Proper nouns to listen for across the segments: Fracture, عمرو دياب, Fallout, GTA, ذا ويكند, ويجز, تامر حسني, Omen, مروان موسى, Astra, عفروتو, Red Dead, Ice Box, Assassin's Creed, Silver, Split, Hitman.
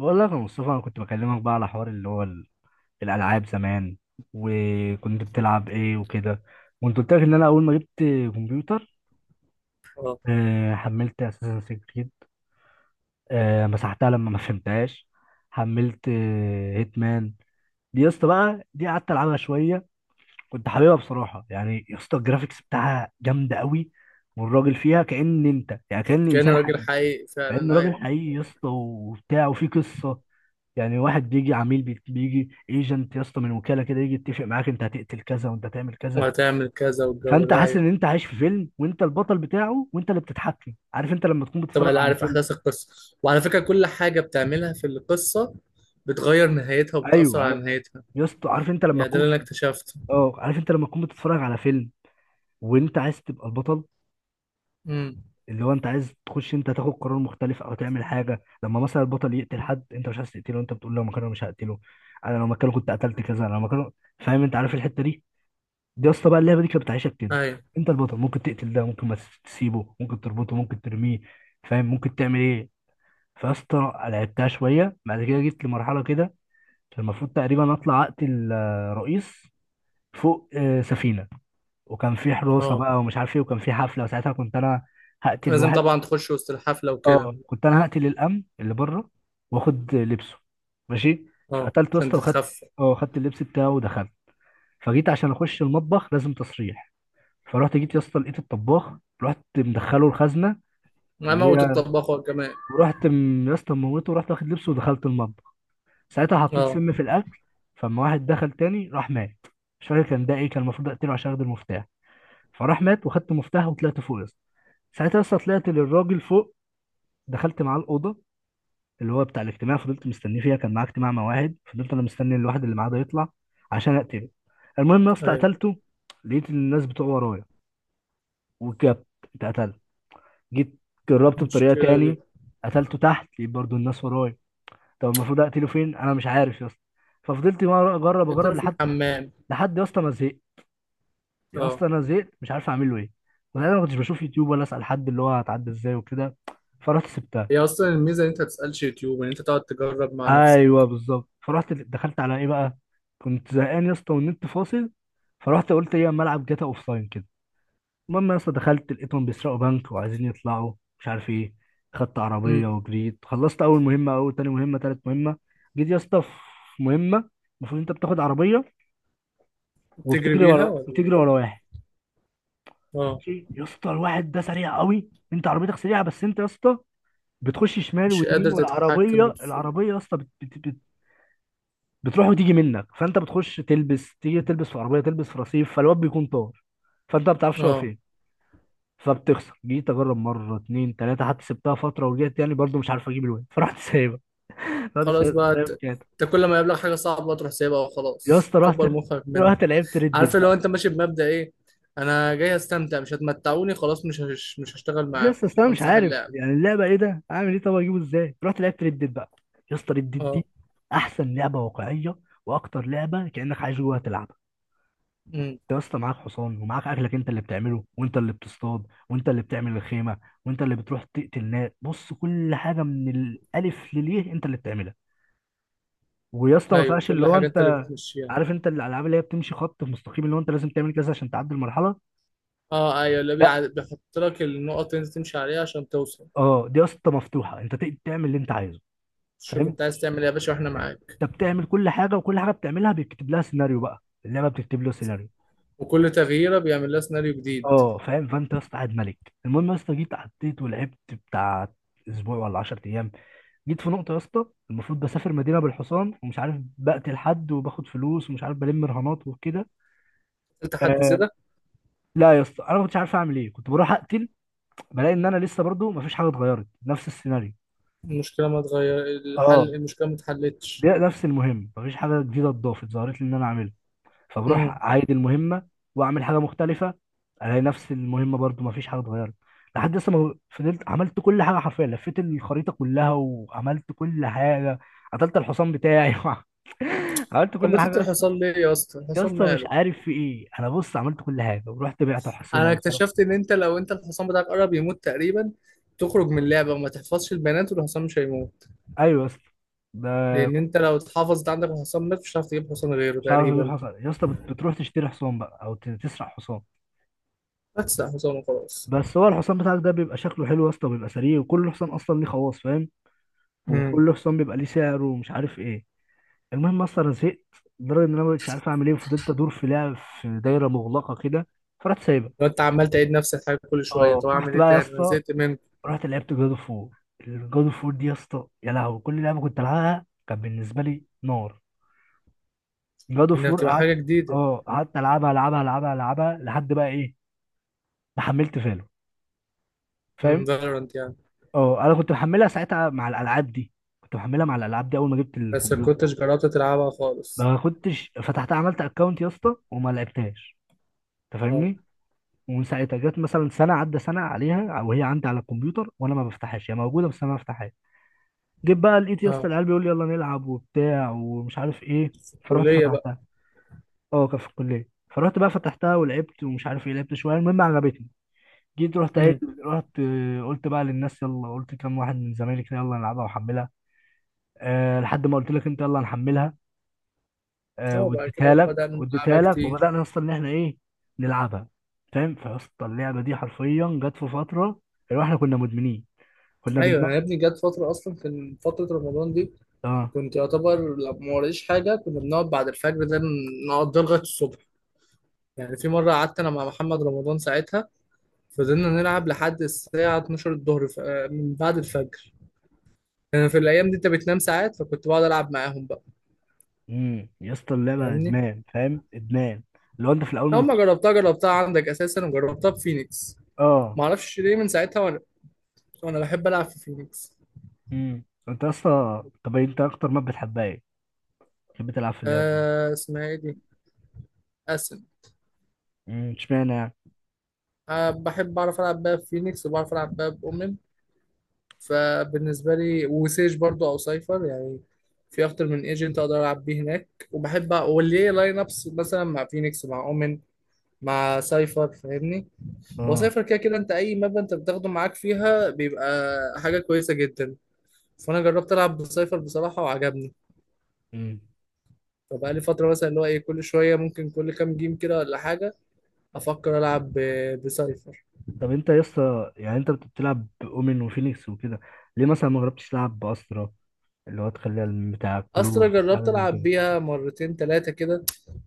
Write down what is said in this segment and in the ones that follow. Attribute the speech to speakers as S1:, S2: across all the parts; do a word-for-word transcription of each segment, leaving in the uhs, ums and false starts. S1: بقول لك يا مصطفى، انا كنت بكلمك بقى على حوار اللي هو ال- الالعاب زمان، وكنت بتلعب ايه وكده، وانت قلت لك ان انا اول ما جبت كمبيوتر.
S2: اه،
S1: آه، حملت اساسن كريد. آه، مسحتها لما ما فهمتهاش. حملت هيتمان. دي يا اسطى بقى، دي قعدت العبها شويه. كنت حاببها بصراحه يعني يا اسطى، الجرافيكس بتاعها جامده قوي، والراجل فيها كأن انت يعني كأن
S2: كأنه
S1: انسان
S2: راجل
S1: حقيقي.
S2: حقيقي
S1: كأنه
S2: فعلا،
S1: راجل
S2: ايوه.
S1: حقيقي يا اسطى وبتاع وفي قصة. يعني واحد بيجي عميل بي- بيجي ايجنت يا اسطى من وكالة كده، يجي يتفق معاك انت هتقتل كذا وانت هتعمل كذا.
S2: وهتعمل كذا والجو
S1: فانت
S2: ده،
S1: حاسس
S2: ايوه،
S1: ان انت عايش في فيلم وانت البطل بتاعه وانت اللي بتتحكم. عارف انت لما تكون
S2: طبعا
S1: بتتفرج
S2: اللي
S1: على
S2: عارف
S1: فيلم؟
S2: احداث القصه. وعلى فكره، كل حاجه بتعملها في القصه بتغير نهايتها وبتاثر
S1: ايوه
S2: على
S1: ايوه.
S2: نهايتها.
S1: يا اسطى عارف انت لما
S2: يعني ده
S1: تكون
S2: اللي انا
S1: في...
S2: اكتشفته.
S1: اه، عارف انت لما تكون بتتفرج على فيلم وانت عايز تبقى البطل،
S2: امم،
S1: اللي هو انت عايز تخش، انت تاخد قرار مختلف او تعمل حاجه، لما مثلا البطل يقتل حد انت مش عايز تقتله، انت بتقول لو مكانه مش هقتله، انا لو مكانه كنت قتلت كذا، انا لو مكانه. فاهم؟ انت عارف الحته دي. دي يا اسطى بقى اللعبه دي كانت بتعيشك كده.
S2: ايوه.
S1: انت البطل، ممكن تقتل ده، ممكن ما تس- تسيبه، ممكن تربطه، ممكن ترميه. فاهم؟ ممكن تعمل ايه. فيا اسطى لعبتها شويه، بعد كده جيت لمرحله كده، كان المفروض تقريبا اطلع اقتل آه، رئيس فوق آه، سفينه. وكان في حراسه
S2: اه،
S1: بقى ومش عارف ايه، وكان في حفله، وساعتها كنت انا هقتل
S2: لازم
S1: واحد.
S2: طبعا تخش وسط الحفله وكده.
S1: اه، كنت انا هقتل الامن اللي بره، واخد لبسه، ماشي.
S2: اه،
S1: فقتلت
S2: عشان
S1: واسطه وخدت،
S2: تتخفى.
S1: اه، خدت اللبس بتاعه ودخلت. فجيت عشان اخش المطبخ لازم تصريح. فرحت جيت يا اسطى لقيت الطباخ، رحت مدخله الخزنه
S2: انا
S1: اللي
S2: موت
S1: هي،
S2: الطباخ كمان.
S1: ورحت م- يا اسطى موته ورحت واخد لبسه ودخلت المطبخ. ساعتها حطيت
S2: اه
S1: سم في الاكل. فلما واحد دخل تاني راح مات. مش فاكر كان ده ايه، كان المفروض اقتله عشان اخد المفتاح. فراح مات وخدت مفتاح وطلعت فوق يا اسطى. ساعتها يا اسطى طلعت للراجل فوق، دخلت معاه الاوضه اللي هو بتاع الاجتماع، فضلت مستنيه فيها، كان معاه اجتماع مواعيد، فضلت انا مستني الواحد اللي معاه ده يطلع عشان اقتله. المهم يا اسطى
S2: ايوه،
S1: قتلته، لقيت الناس بتوع ورايا، وجبت اتقتلت. جيت جربت بطريقه
S2: المشكله دي.
S1: تاني، قتلته تحت لقيت برضو الناس ورايا. طب المفروض اقتله فين؟ انا مش عارف يا اسطى. ففضلت مرة اجرب
S2: انت
S1: اجرب
S2: في
S1: لحد،
S2: الحمام؟
S1: لحد يا اسطى ما زهقت. يا
S2: اه،
S1: اسطى انا زهقت، مش عارف اعمل له ايه. وأنا ما كنتش بشوف يوتيوب ولا اسال حد اللي هو هتعدي ازاي وكده. فرحت سبتها.
S2: هي اصلا الميزه ان انت ما تسالش يوتيوب، ان انت تقعد تجرب مع نفسك.
S1: ايوه بالظبط. فرحت دخلت على ايه بقى، كنت زهقان يا اسطى والنت فاصل. فرحت قلت ايه أما العب جاتا اوف لاين كده. المهم يا اسطى دخلت لقيتهم بيسرقوا بنك وعايزين يطلعوا، مش عارف ايه. خدت عربيه
S2: امم.
S1: وجريت، خلصت اول مهمه، اول تاني مهمه، تالت مهمه. جيت يا اسطى في مهمه، المفروض انت بتاخد عربيه
S2: بتجري
S1: وبتجري
S2: بيها
S1: ورا،
S2: ولا؟
S1: بتجري ورا واحد
S2: اه،
S1: ماشي؟ يا اسطى الواحد ده سريع قوي، انت عربيتك سريعه بس انت يا اسطى بتخش شمال
S2: مش قادر
S1: ويمين،
S2: تتحكم
S1: والعربيه
S2: وتفوق.
S1: العربيه يا اسطى بتروح وتيجي منك، فانت بتخش تلبس، تيجي تلبس في عربيه، تلبس في رصيف، فالواد بيكون طار، فانت ما بتعرفش هو
S2: اه،
S1: فين. فبتخسر. جيت اجرب مره اتنين تلاته، حتى سبتها فتره ورجعت يعني، برضو مش عارف اجيب الواد. فرحت سايبها، رحت
S2: خلاص
S1: شا-
S2: بقى انت،
S1: سايب كده.
S2: انت كل ما يقابلك حاجه صعبه تروح سايبها
S1: يا
S2: وخلاص،
S1: اسطى رحت
S2: تكبر مخك منها.
S1: رحت لعبت ردد
S2: عارف لو
S1: بقى.
S2: انت ماشي بمبدأ ايه؟ انا جاي استمتع، مش هتمتعوني خلاص، مش هش... مش هشتغل
S1: يا اسطى
S2: معاكم،
S1: أصل انا مش
S2: همسح
S1: عارف
S2: اللعب.
S1: يعني اللعبه ايه ده، اعمل ايه، طب اجيبه ازاي. رحت لعبت ردد بقى. يا اسطى ردد
S2: اه.
S1: دي احسن لعبه واقعيه، واكتر لعبه كانك عايش جواها تلعب.
S2: امم.
S1: انت يا اسطى معاك حصان ومعاك اكلك انت اللي بتعمله، وانت اللي بتصطاد، وانت اللي بتعمل الخيمه، وانت اللي بتروح تقتل ناس. بص، كل حاجه من الالف لليه انت اللي بتعملها. ويا اسطى ما
S2: ايوه
S1: فيهاش اللي
S2: كل
S1: هو
S2: حاجه انت اللي
S1: انت،
S2: بتمشيها.
S1: عارف انت الالعاب اللي هي بتمشي خط في مستقيم، اللي هو انت لازم تعمل كذا عشان تعدي المرحله.
S2: اه ايوه، اللي
S1: لا،
S2: بيع... بيحط لك النقط اللي انت تمشي عليها عشان توصل.
S1: اه، دي يا اسطى مفتوحه، انت تقدر تعمل اللي انت عايزه.
S2: شوف
S1: فاهم؟
S2: انت عايز تعمل ايه يا باشا واحنا معاك.
S1: انت بتعمل كل حاجه، وكل حاجه بتعملها بيكتب لها سيناريو بقى، اللعبه بتكتب له سيناريو.
S2: وكل تغييره بيعمل لها سيناريو جديد.
S1: اه فاهم. فانت يا اسطى قاعد ملك. المهم يا اسطى جيت عديت ولعبت بتاع اسبوع ولا عشرة ايام. جيت في نقطه يا اسطى، المفروض بسافر مدينه بالحصان ومش عارف، بقتل حد وباخد فلوس ومش عارف بلم رهانات وكده.
S2: انت حد
S1: آه،
S2: زيادة.
S1: لا يا اسطى انا ما كنتش عارف اعمل ايه، كنت بروح اقتل، بلاقي ان انا لسه برضو ما فيش حاجه اتغيرت، نفس السيناريو.
S2: المشكله ما اتغير
S1: اه،
S2: الحل، المشكله ما اتحلتش.
S1: ده نفس المهم، ما فيش حاجه جديده اتضافت ظهرت لي ان انا اعملها، فبروح اعيد المهمه واعمل حاجه مختلفه، الاقي نفس المهمه برضو ما فيش حاجه اتغيرت. لحد لسه ما فضلت عملت كل حاجه حرفيا، لفيت الخريطه كلها وعملت كل حاجه، قتلت الحصان بتاعي. عملت
S2: طب
S1: كل حاجه
S2: بتت
S1: يا اسطى.
S2: الحصان ليه يا اسطى؟
S1: يا
S2: الحصان
S1: اسطى مش
S2: ماله؟
S1: عارف في ايه، انا بص عملت كل حاجه ورحت بعت حصينه
S2: انا
S1: وصرفت.
S2: اكتشفت ان انت لو انت الحصان بتاعك قرب يموت تقريبا، تخرج من اللعبه وما تحفظش البيانات والحصان مش هيموت.
S1: ايوه يا اسطى، ده
S2: لان
S1: كنت
S2: انت لو اتحفظت عندك الحصان مات، مش هتعرف تجيب حصان غيره
S1: مش عارف اجيب
S2: تقريبا.
S1: حصان يا اسطى. بت- بتروح تشتري حصان بقى، او ت- تسرق حصان.
S2: بس حصان وخلاص.
S1: بس هو الحصان بتاعك ده بيبقى شكله حلو يا اسطى، بيبقى سريع وكل حصان اصلا ليه خواص، فاهم،
S2: امم.
S1: وكل حصان بيبقى ليه سعر ومش عارف ايه. المهم اصلا زهقت لدرجه ان انا مش عارف اعمل ايه، وفضلت ادور في لعب في دايره مغلقه كده. فرحت سايبها.
S2: لو انت عمال تعيد نفس الحاجه كل شويه،
S1: اه،
S2: طب اعمل
S1: رحت
S2: ايه
S1: بقى يا
S2: تاني؟ انا
S1: اسطى،
S2: زهقت منك.
S1: رحت لعبت جاد اوف وور. جاد اوف وور دي يا اسطى يا لهوي، كل لعبه كنت العبها كان بالنسبه لي نار. جاد اوف
S2: انها
S1: وور
S2: بتبقى
S1: قعدت،
S2: حاجه جديده.
S1: اه، قعدت العبها العبها العبها العبها لحد بقى ايه، ما حملت فالو.
S2: امم،
S1: فاهم؟
S2: فالورانت يعني.
S1: اه، انا كنت محملها ساعتها مع الالعاب دي، كنت محملها مع الالعاب دي اول ما جبت
S2: بس ما
S1: الكمبيوتر.
S2: كنتش جربت تلعبها خالص.
S1: ما كنتش فتحتها، عملت اكونت يا اسطى وما لعبتهاش، انت
S2: اه.
S1: فاهمني. ومن ساعتها جت مثلا سنه، عدى سنه عليها وهي عندي على الكمبيوتر وانا ما بفتحهاش، هي موجوده بس انا ما بفتحهاش. جيت بقى لقيت يا اسطى
S2: اه،
S1: العيال بيقول لي يلا نلعب وبتاع ومش عارف ايه، فرحت
S2: كليه بقى.
S1: فتحتها. اه كان في الكليه، فرحت بقى فتحتها ولعبت ومش عارف ايه، لعبت شويه المهم عجبتني. جيت رحت قايل،
S2: امم.
S1: رحت، آه، قلت بقى للناس يلا، قلت كام واحد من زمايلي كده يلا نلعبها واحملها. أه لحد ما قلت لك انت يلا نحملها. آه،
S2: اه بعد
S1: واديتها
S2: كده
S1: لك،
S2: بدأنا نلعبها
S1: واديتها لك
S2: كتير.
S1: وبدانا اصلا ان احنا ايه نلعبها. فاهم؟ فاصلا اللعبه دي حرفيا جت في فتره اللي هو احنا كنا مدمنين، كنا
S2: ايوه
S1: بننام.
S2: يا ابني، جت فتره اصلا كان فتره رمضان دي.
S1: اه.
S2: كنت يعتبر لو ما وريش حاجة كنا بنقعد بعد الفجر ده نقضي لغاية الصبح. يعني في مرة قعدت أنا مع محمد رمضان ساعتها، فضلنا نلعب لحد الساعة اتناشر الظهر، ف- آه، من بعد الفجر. يعني في الأيام دي أنت بتنام ساعات، فكنت بقعد ألعب معاهم بقى.
S1: امم يا اسطى اللعبه
S2: فاهمني؟
S1: ادمان، فاهم، ادمان. لو انت في الاول ما
S2: أول ما
S1: كنتش.
S2: جربتها جربتها عندك أساسا، وجربتها في فينيكس.
S1: اه.
S2: معرفش ليه من ساعتها وأنا، وأنا بحب ألعب في فينيكس.
S1: امم. انت اصلا طب إيه، انت اكتر ما بتحبها ايه بتحب تلعب في اللعبه دي؟
S2: آه اسمها إيه دي؟ أسن.
S1: امم اشمعنى يعني.
S2: أه بحب أعرف ألعب بقى في فينيكس، وبعرف ألعب بقى بأمم. فبالنسبه لي وسيج برضو او سايفر يعني. في اكتر من ايجنت اقدر العب بيه هناك، وبحب أ- وليه لاين ابس مثلا مع فينيكس، مع اومن، مع سايفر. فاهمني؟
S1: اه.
S2: وسايفر كده كده انت اي ماب انت بتاخده معاك فيها بيبقى حاجه كويسه جدا. فانا جربت العب بسايفر بصراحه وعجبني.
S1: امم.
S2: فبقى لي فتره مثلا اللي هو ايه، كل شويه ممكن كل كام جيم كده ولا حاجه افكر العب ب- بسايفر.
S1: طب انت يا اسطى يعني انت بتلعب باومن وفينيكس وكده، ليه مثلا ما جربتش تلعب باسرا، اللي هو تخليها بتاع الكلوف
S2: استرا
S1: حاجه
S2: جربت
S1: زي
S2: العب
S1: كده.
S2: بيها مرتين ثلاثه كده،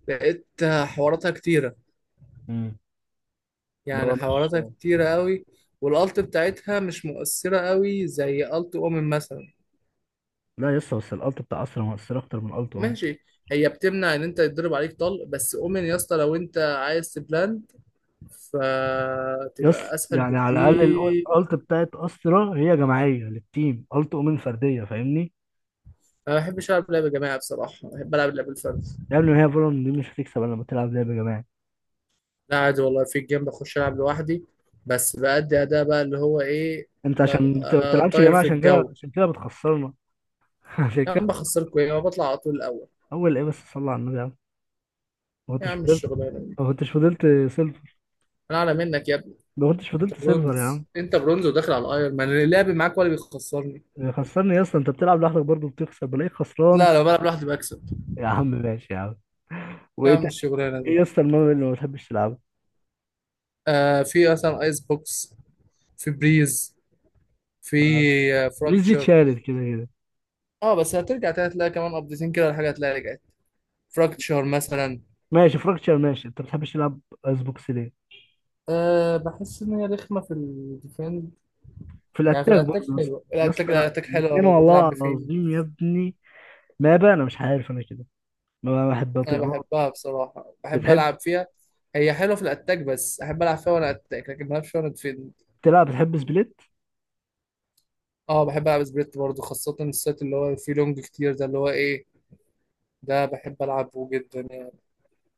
S2: لقيت حواراتها كتيره.
S1: مم. اللي
S2: يعني
S1: هو مش.
S2: حواراتها كتيرة قوي، والالت بتاعتها مش مؤثرة قوي زي الت اومن مثلا.
S1: لا يس، بس الالت بتاع استرا مؤثره اكتر من الت اوم.
S2: ماشي. هي بتمنع ان انت يتضرب عليك طلق، بس اومن يا اسطى لو انت عايز تبلاند،
S1: يس.
S2: فتبقى اسهل
S1: يعني على الاقل
S2: بكتير.
S1: الالت بتاعت استرا هي جماعيه للتيم، الت اومن فرديه، فاهمني.
S2: انا ما بحبش العب لعبة جماعي بصراحة، بحب العب لعبة الفرد.
S1: يعني هي فالون دي مش هتكسب الا لما تلعب لعب جماعي.
S2: لا عادي والله، في الجيم بخش العب لوحدي، بس بأدي اداء بقى اللي هو ايه،
S1: انت عشان بت- ما
S2: ببقى
S1: بتلعبش
S2: طاير
S1: جماعي،
S2: في
S1: عشان كده،
S2: الجو.
S1: عشان كده بتخسرنا. عشان
S2: يا
S1: كده.
S2: عم بخسركوا ايه؟ ما بطلع على طول الاول.
S1: اول ايه بس، صلى على النبي يا عم. ما
S2: يا
S1: كنتش
S2: عم
S1: فضلت،
S2: الشغلانة دي.
S1: ما كنتش فضلت سيلفر.
S2: انا اعلى منك يا ابني،
S1: ما كنتش
S2: انت
S1: فضلت سيلفر يا
S2: برونز،
S1: عم.
S2: انت برونز وداخل على الايرون مان، اللعب معاك ولا بيخسرني.
S1: إيه، خسرني يا اسطى، انت بتلعب لوحدك برضه بتخسر، بلاقيك خسران.
S2: لا لو بلعب لوحدي بكسب.
S1: يا عم ماشي يا عم.
S2: يا
S1: وايه
S2: عم
S1: تاني؟
S2: الشغلانه
S1: ايه
S2: دي.
S1: يا اسطى المهم اللي ما بتحبش تلعبه؟
S2: آه في مثلا ايس بوكس، في بريز، في
S1: ف-
S2: آه
S1: بليز دي
S2: فراكتشر.
S1: اتشالت كده كده.
S2: اه بس هترجع تاني، هتلاقي كمان قبضتين كده الحاجه هتلاقي رجعت. فراكتشر مثلا.
S1: ماشي، فراكتشر ماشي. انت ما بتحبش تلعب ايس بوكس ليه؟
S2: آه بحس ان هي رخمه في الديفند.
S1: في
S2: يعني في
S1: الاتاك برضه
S2: الاتاك
S1: يا اسطى؟
S2: حلوه،
S1: يا
S2: الاتاك،
S1: اسطى لا
S2: الاتاك حلوه
S1: الاثنين،
S2: لو بتلعب
S1: والله
S2: بفين.
S1: العظيم يا ابني، ما بقى انا مش عارف انا كده ما بحب
S2: انا بحبها
S1: اطيقهاش.
S2: بصراحه، بحب
S1: بتحب
S2: العب فيها. هي حلوه في الاتاك، بس احب العب فيها وانا اتاك، لكن ما بلعبش وانا ديفند.
S1: تلعب، بتحب سبليت.
S2: اه بحب العب سبريت برضه، خاصة السيت اللي هو فيه لونج كتير ده اللي هو ايه، ده بحب العبه جدا يعني.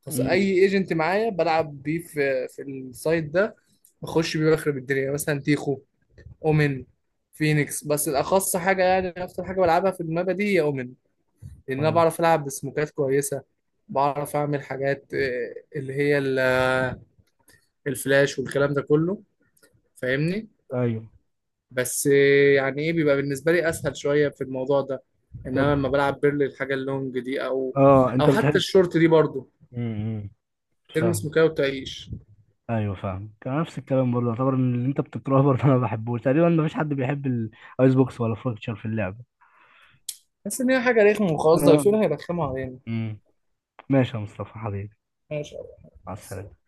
S2: خاصة
S1: امم.
S2: اي ايجنت معايا بلعب بيه في في السايت ده. بخش بيه بخرب الدنيا، يعني مثلا تيخو، اومن، فينيكس. بس الاخص حاجة يعني اكتر حاجة بلعبها في المابا دي هي اومن، لان انا
S1: اه
S2: بعرف العب بسموكات كويسة. بعرف اعمل حاجات، آه، اللي هي ال- آه، الفلاش والكلام ده كله. فاهمني؟
S1: ايوه.
S2: بس يعني ايه، بيبقى بالنسبه لي اسهل شويه في الموضوع ده. انما
S1: طب
S2: لما بلعب بيرلي الحاجه اللونج دي، او
S1: اه
S2: او
S1: انت
S2: حتى
S1: بتحب.
S2: الشورت دي برضو،
S1: امم.
S2: تلمس
S1: فاهم.
S2: مكاية وتعيش.
S1: ايوه فاهم، كان نفس الكلام برضه يعتبر ان اللي انت بتكرهه برضه انا ما بحبوش، تقريبا ما فيش حد بيحب الايس بوكس ولا فراكتشر في اللعبه.
S2: بس ان هي حاجه رخمه وخلاص،
S1: اه.
S2: ضايفينها يرخموا علينا.
S1: امم. ماشي يا مصطفى حبيبي،
S2: ماشي يا أبو
S1: مع
S2: أحمد.
S1: السلامه.